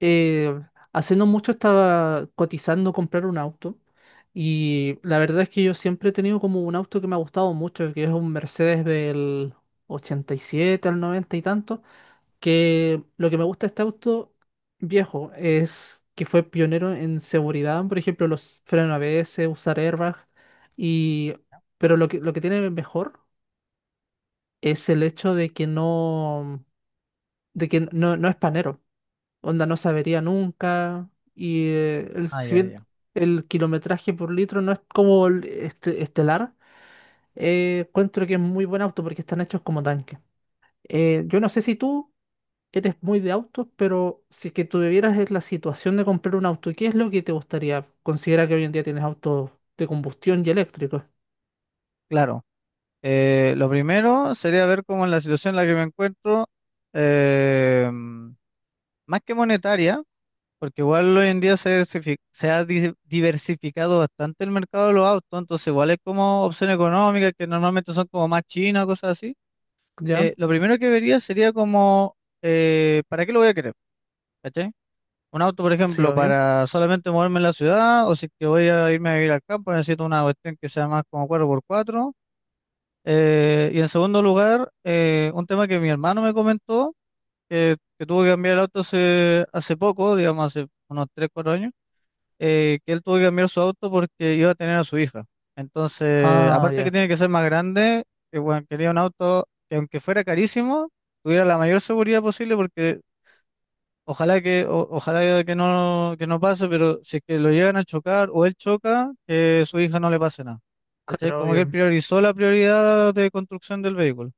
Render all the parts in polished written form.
eh, Hace no mucho estaba cotizando comprar un auto y la verdad es que yo siempre he tenido como un auto que me ha gustado mucho, que es un Mercedes del 87 al 90 y tanto. Que lo que me gusta de este auto viejo es que fue pionero en seguridad, por ejemplo, los frenos ABS, usar airbag, y, pero lo que tiene mejor es el hecho de que no es panero, onda no sabería nunca. Y Ah, si ya, bien ya. el kilometraje por litro no es como el estelar, encuentro que es muy buen auto porque están hechos como tanques. Yo no sé si tú eres muy de autos, pero si es que tuvieras es la situación de comprar un auto, ¿qué es lo que te gustaría? Considera que hoy en día tienes autos de combustión y eléctricos. Claro. Lo primero sería ver cómo es la situación en la que me encuentro, más que monetaria, porque igual hoy en día se ha diversificado bastante el mercado de los autos, entonces igual es como opción económica, que normalmente son como más chinas, cosas así. ¿Ya? Lo primero que vería sería como, ¿para qué lo voy a querer? ¿Cachai? Un auto, por Sí, ejemplo, obvio. para solamente moverme en la ciudad, o si es que voy a irme a vivir al campo, necesito una cuestión que sea más como cuatro por cuatro. Y en segundo lugar, un tema que mi hermano me comentó, que tuvo que cambiar el auto hace poco, digamos hace unos 3 4 años, que él tuvo que cambiar su auto porque iba a tener a su hija. Entonces, Ah, aparte que ya, tiene que ser más grande, que bueno, quería un auto que aunque fuera carísimo, tuviera la mayor seguridad posible porque ojalá que no pase, pero si es que lo llegan a chocar o él choca, que su hija no le pase nada. ¿Cachai? claro, Como que él obvio. priorizó la prioridad de construcción del vehículo.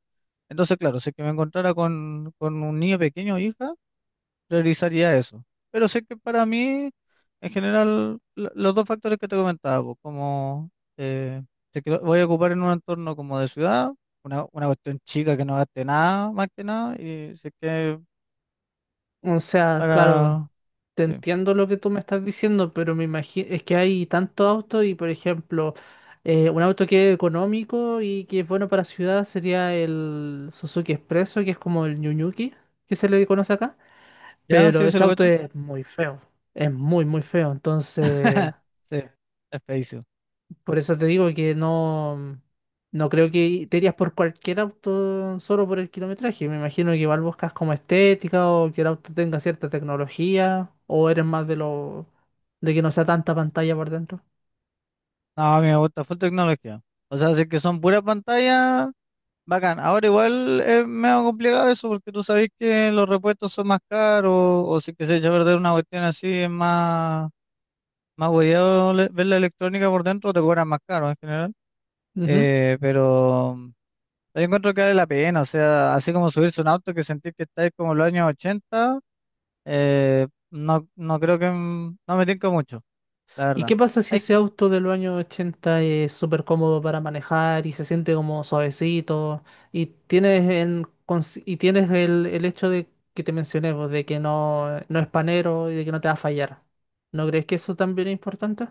Entonces, claro, si es que me encontrara con un niño pequeño o hija, realizaría eso. Pero sé que para mí, en general, los dos factores que te comentaba, pues, como eh, si es que lo voy a ocupar en un entorno como de ciudad, una cuestión chica que no gaste nada, más que nada, y sé que O sea, claro, para. te Sí, entiendo lo que tú me estás diciendo, pero me imagino, es que hay tantos autos y, por ejemplo, un auto que es económico y que es bueno para ciudad sería el Suzuki Expresso, que es como el New Yuki, que se le conoce acá. ya, Pero sí, se ese lo auto cacho. es muy feo, es muy, muy feo, entonces... Sí, es feísimo. Por eso te digo que no, no creo que te irías por cualquier auto solo por el kilometraje. Me imagino que igual buscas como estética o que el auto tenga cierta tecnología, o eres más de lo de que no sea tanta pantalla por dentro. No, a mí me gusta full tecnología. O sea, si es que son puras pantallas. Bacán. Ahora igual es medio complicado eso porque tú sabes que los repuestos son más caros o si que se echa a perder una cuestión así es más hueveado ver la electrónica por dentro te cobran más caro en general. Ujú. Pero yo encuentro que vale la pena, o sea, así como subirse a un auto que sentís que estáis como en los años 80, eh, no creo que no me tinca mucho, la ¿Y verdad. qué pasa si Hay ese auto de los años 80 es súper cómodo para manejar y se siente como suavecito, y tienes el hecho de que te mencioné, vos, de que no es panero y de que no te va a fallar? ¿No crees que eso también es importante?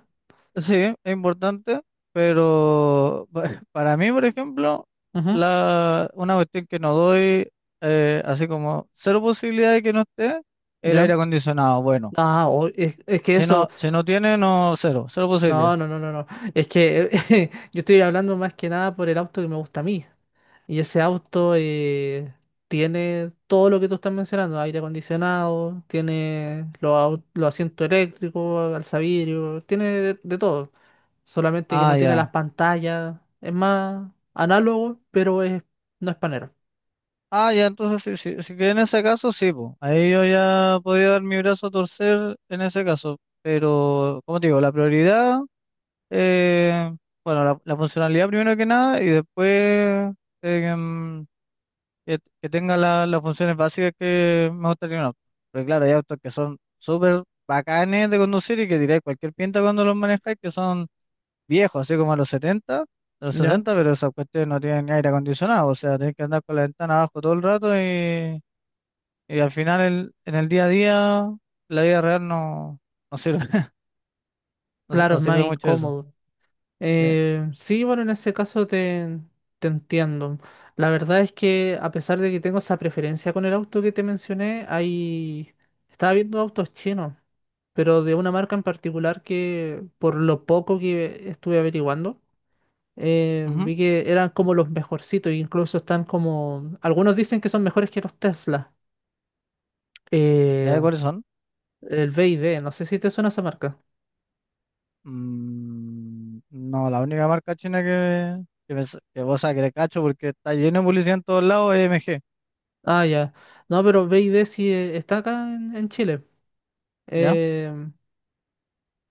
Sí, es importante, pero para mí, por ejemplo, Ujú. una cuestión que no doy, así como cero posibilidad de que no esté, el ¿Ya? aire acondicionado. Bueno, Ah, es que si no, eso. si no tiene, no, cero, cero No, posibilidad. no, no, no, no. Es que yo estoy hablando más que nada por el auto que me gusta a mí. Y ese auto tiene todo lo que tú estás mencionando: aire acondicionado, tiene los asientos eléctricos, alzavidrio, tiene de todo. Solamente que no Ah, tiene las ya. pantallas. Es más análogo, pero no es panero. Ah, ya, entonces si que en ese caso, sí, po. Ahí yo ya podía dar mi brazo a torcer en ese caso. Pero, como te digo, la prioridad, eh, bueno, la funcionalidad primero que nada y después. em, que tenga las funciones básicas que me gustaría en un auto. Pero claro, hay autos que son súper bacanes de conducir y que diréis cualquier pinta cuando los manejáis, que son viejos, así como a los 70, a los ¿Ya? 60, pero esas cuestiones no tienen ni aire acondicionado, o sea, tenés que andar con la ventana abajo todo el rato y al final en el día a día, la vida real no sirve, no, Claro, no es más sirve mucho eso. incómodo. Sí. Sí, bueno, en ese caso te entiendo. La verdad es que a pesar de que tengo esa preferencia con el auto que te mencioné, ahí estaba viendo autos chinos, pero de una marca en particular que, por lo poco que estuve averiguando, Ujú. vi que eran como los mejorcitos, e incluso están como... Algunos dicen que son mejores que los Tesla. ¿Ya de Eh, cuáles son? el BYD, no sé si te suena esa marca. No, la única marca china que, me s- que, o sea, que le cacho porque está lleno de publicidad en todos lados es MG, Ah, ya. No, pero BYD sí está acá en Chile. ¿ya? Eh,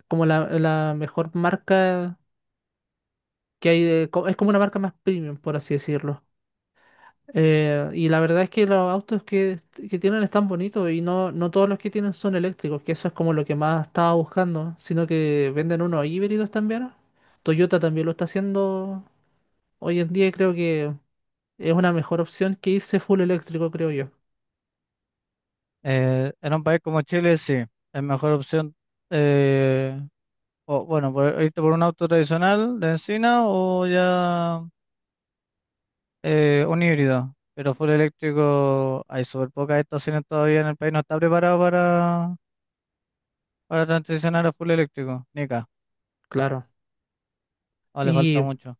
Como la mejor marca que hay. Es como una marca más premium, por así decirlo. Y la verdad es que los autos que tienen están bonitos, y no todos los que tienen son eléctricos, que eso es como lo que más estaba buscando, sino que venden unos híbridos también. Toyota también lo está haciendo hoy en día y creo que es una mejor opción que irse full eléctrico, creo yo. En un país como Chile, sí, es mejor opción, eh, o, bueno, irte por un auto tradicional de encina o ya un híbrido, pero full eléctrico, hay súper pocas estaciones todavía en el país, no está preparado para transicionar a full eléctrico, ni acá, Claro. o le falta Y, mucho.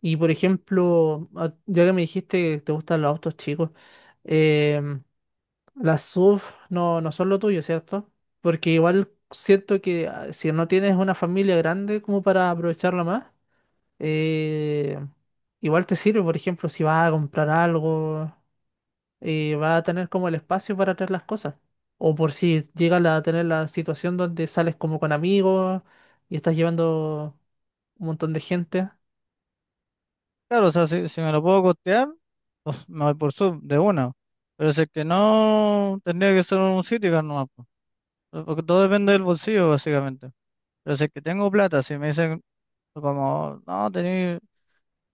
y por ejemplo, ya que me dijiste que te gustan los autos chicos, em, las sub no, no son lo tuyo, ¿cierto? Porque igual siento que, si no tienes una familia grande como para aprovecharla más, eh, igual te sirve. Por ejemplo, si vas a comprar algo, vas a tener como el espacio para traer las cosas. O por si llegas a tener la situación donde sales como con amigos y estás llevando un montón de gente. Claro, o sea, si me lo puedo costear, pues me voy por sub de una. Pero si es que no, tendría que ser un Citicar nomás, po. Porque todo depende del bolsillo, básicamente. Pero si es que tengo plata, si me dicen como, no, tenéis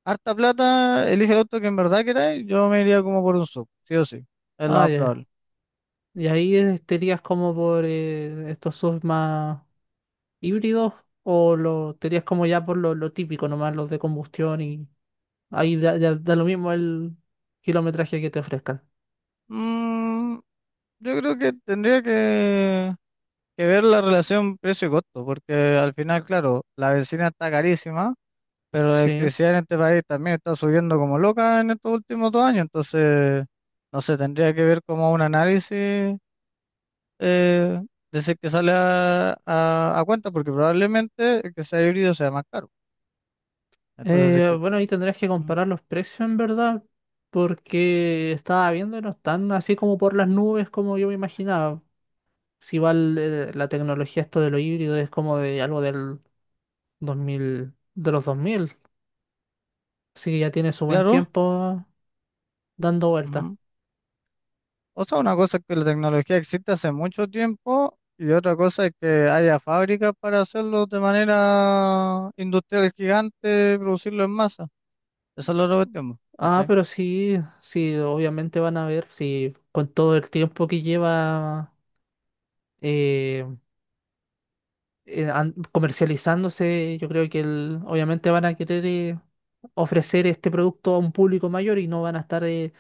harta plata, elige el auto que en verdad queráis, yo me iría como por un sub, sí o sí. Es lo Ah, más ya. probable. Y ahí estarías como por estos subs más híbridos, o lo tenías como ya por lo típico nomás, los de combustión, y ahí ya da lo mismo el kilometraje que te ofrezcan. Mm, yo creo que tendría que ver la relación precio y costo, porque al final, claro, la benzina está carísima. Pero la Sí. electricidad en este país también está subiendo como loca en estos últimos 2 años, entonces, no sé, tendría que ver como un análisis, eh, de si que sale a cuenta, porque probablemente el que sea híbrido sea más caro. Entonces, si es que, Bueno, ahí tendrías que mm, comparar los precios en verdad, porque estaba viendo y no están así como por las nubes, como yo me imaginaba. Si va la tecnología, esto de lo híbrido es como de algo del 2000, de los 2000, así que ya tiene su buen claro, tiempo dando vueltas. ujú. O sea, una cosa es que la tecnología existe hace mucho tiempo y otra cosa es que haya fábricas para hacerlo de manera industrial gigante, producirlo en masa. Esa es la otra cuestión, po, Ah, ¿cachai? pero sí, sí, obviamente van a ver, sí, con todo el tiempo que lleva eh, comercializándose. Yo creo que obviamente van a querer ofrecer este producto a un público mayor y no van a estar,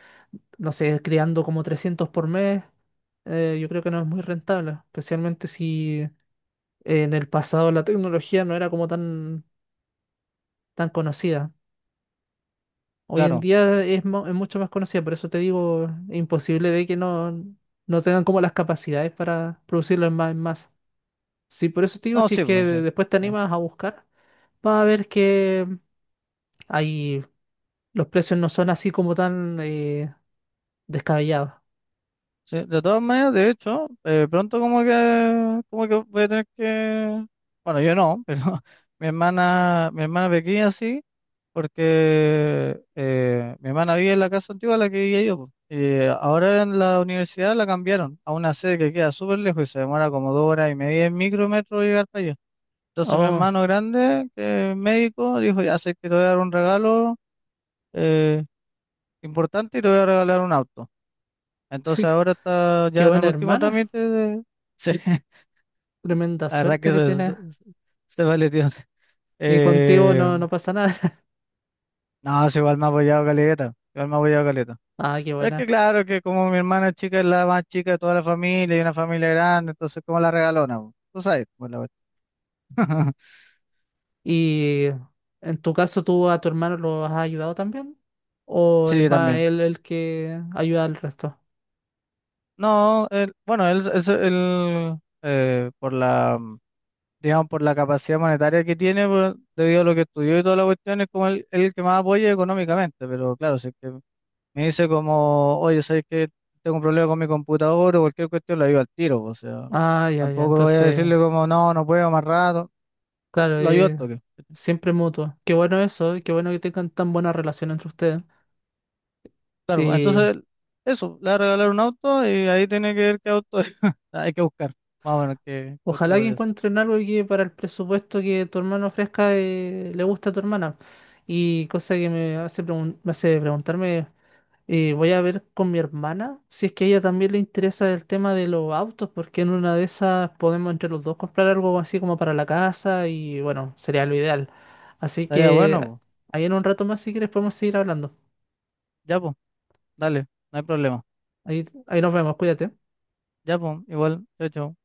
no sé, creando como 300 por mes. Yo creo que no es muy rentable, especialmente si en el pasado la tecnología no era como tan, tan conocida. Hoy en Claro, día es mucho más conocida. Por eso te digo, es imposible de que no tengan como las capacidades para producirlo en masa. Sí, por eso te digo, no, si es sí, que pues sí. Después te Sí. animas a buscar, vas a ver que ahí los precios no son así como tan descabellados. Sí, de todas maneras, de hecho, pronto como que voy a tener que, bueno, yo no, pero mi hermana pequeña sí, porque mi hermana vive en la casa antigua en la que vivía yo. Po. Y ahora en la universidad la cambiaron a una sede que queda súper lejos y se demora como 2 horas y media en micrometro llegar para allá. Entonces mi Oh, hermano grande, que es médico, dijo, ya sé que te voy a dar un regalo eh, importante y te voy a regalar un auto. Entonces sí, ahora está qué ya en el bueno, último hermano. trámite de. Sí, Tremenda la verdad suerte que que se, tienes. se, se vale, tío. Sí. Y contigo Eh, no pasa nada. no, sí, igual me ha apoyado Caleta, igual me ha apoyado Caleta. Ah, qué Pero es que buena. claro que como mi hermana chica es la más chica de toda la familia y una familia grande, entonces como la regalona, po, tú sabes, cómo la cuestión. ¿Y en tu caso tú a tu hermano lo has ayudado también? ¿O es Sí, más también. él el que ayuda al resto? No, bueno, él, es por la, digamos, por la capacidad monetaria que tiene, debido a lo que estudió y toda la cuestión, es como el que más apoya económicamente. Pero claro, si es que me dice como, oye, ¿sabes que tengo un problema con mi computador o cualquier cuestión? Lo ayudo al tiro. Pues, o sea, Ah, ya, ya. tampoco voy a Entonces, decirle como, no, no puedo más rato, claro, lo ayudo al toque. siempre mutuo. Qué bueno eso, y qué bueno que tengan tan buena relación entre ustedes. Claro, pues, Y entonces, eso, le va a regalar un auto y ahí tiene que ver qué auto es. Hay que buscar, más o menos, qué, qué autito ojalá que podría ser. encuentren algo que, para el presupuesto que tu hermano ofrezca, le gusta a tu hermana. Y cosa que me hace preguntarme, voy a ver con mi hermana si es que a ella también le interesa el tema de los autos, porque en una de esas podemos entre los dos comprar algo así como para la casa, y bueno, sería lo ideal. Así Estaría bueno, que po. ahí en un rato más, si quieres, podemos seguir hablando. Ya, pues, dale, no hay problema. Ahí, ahí nos vemos, cuídate. Ya, pues, igual, chao, chao.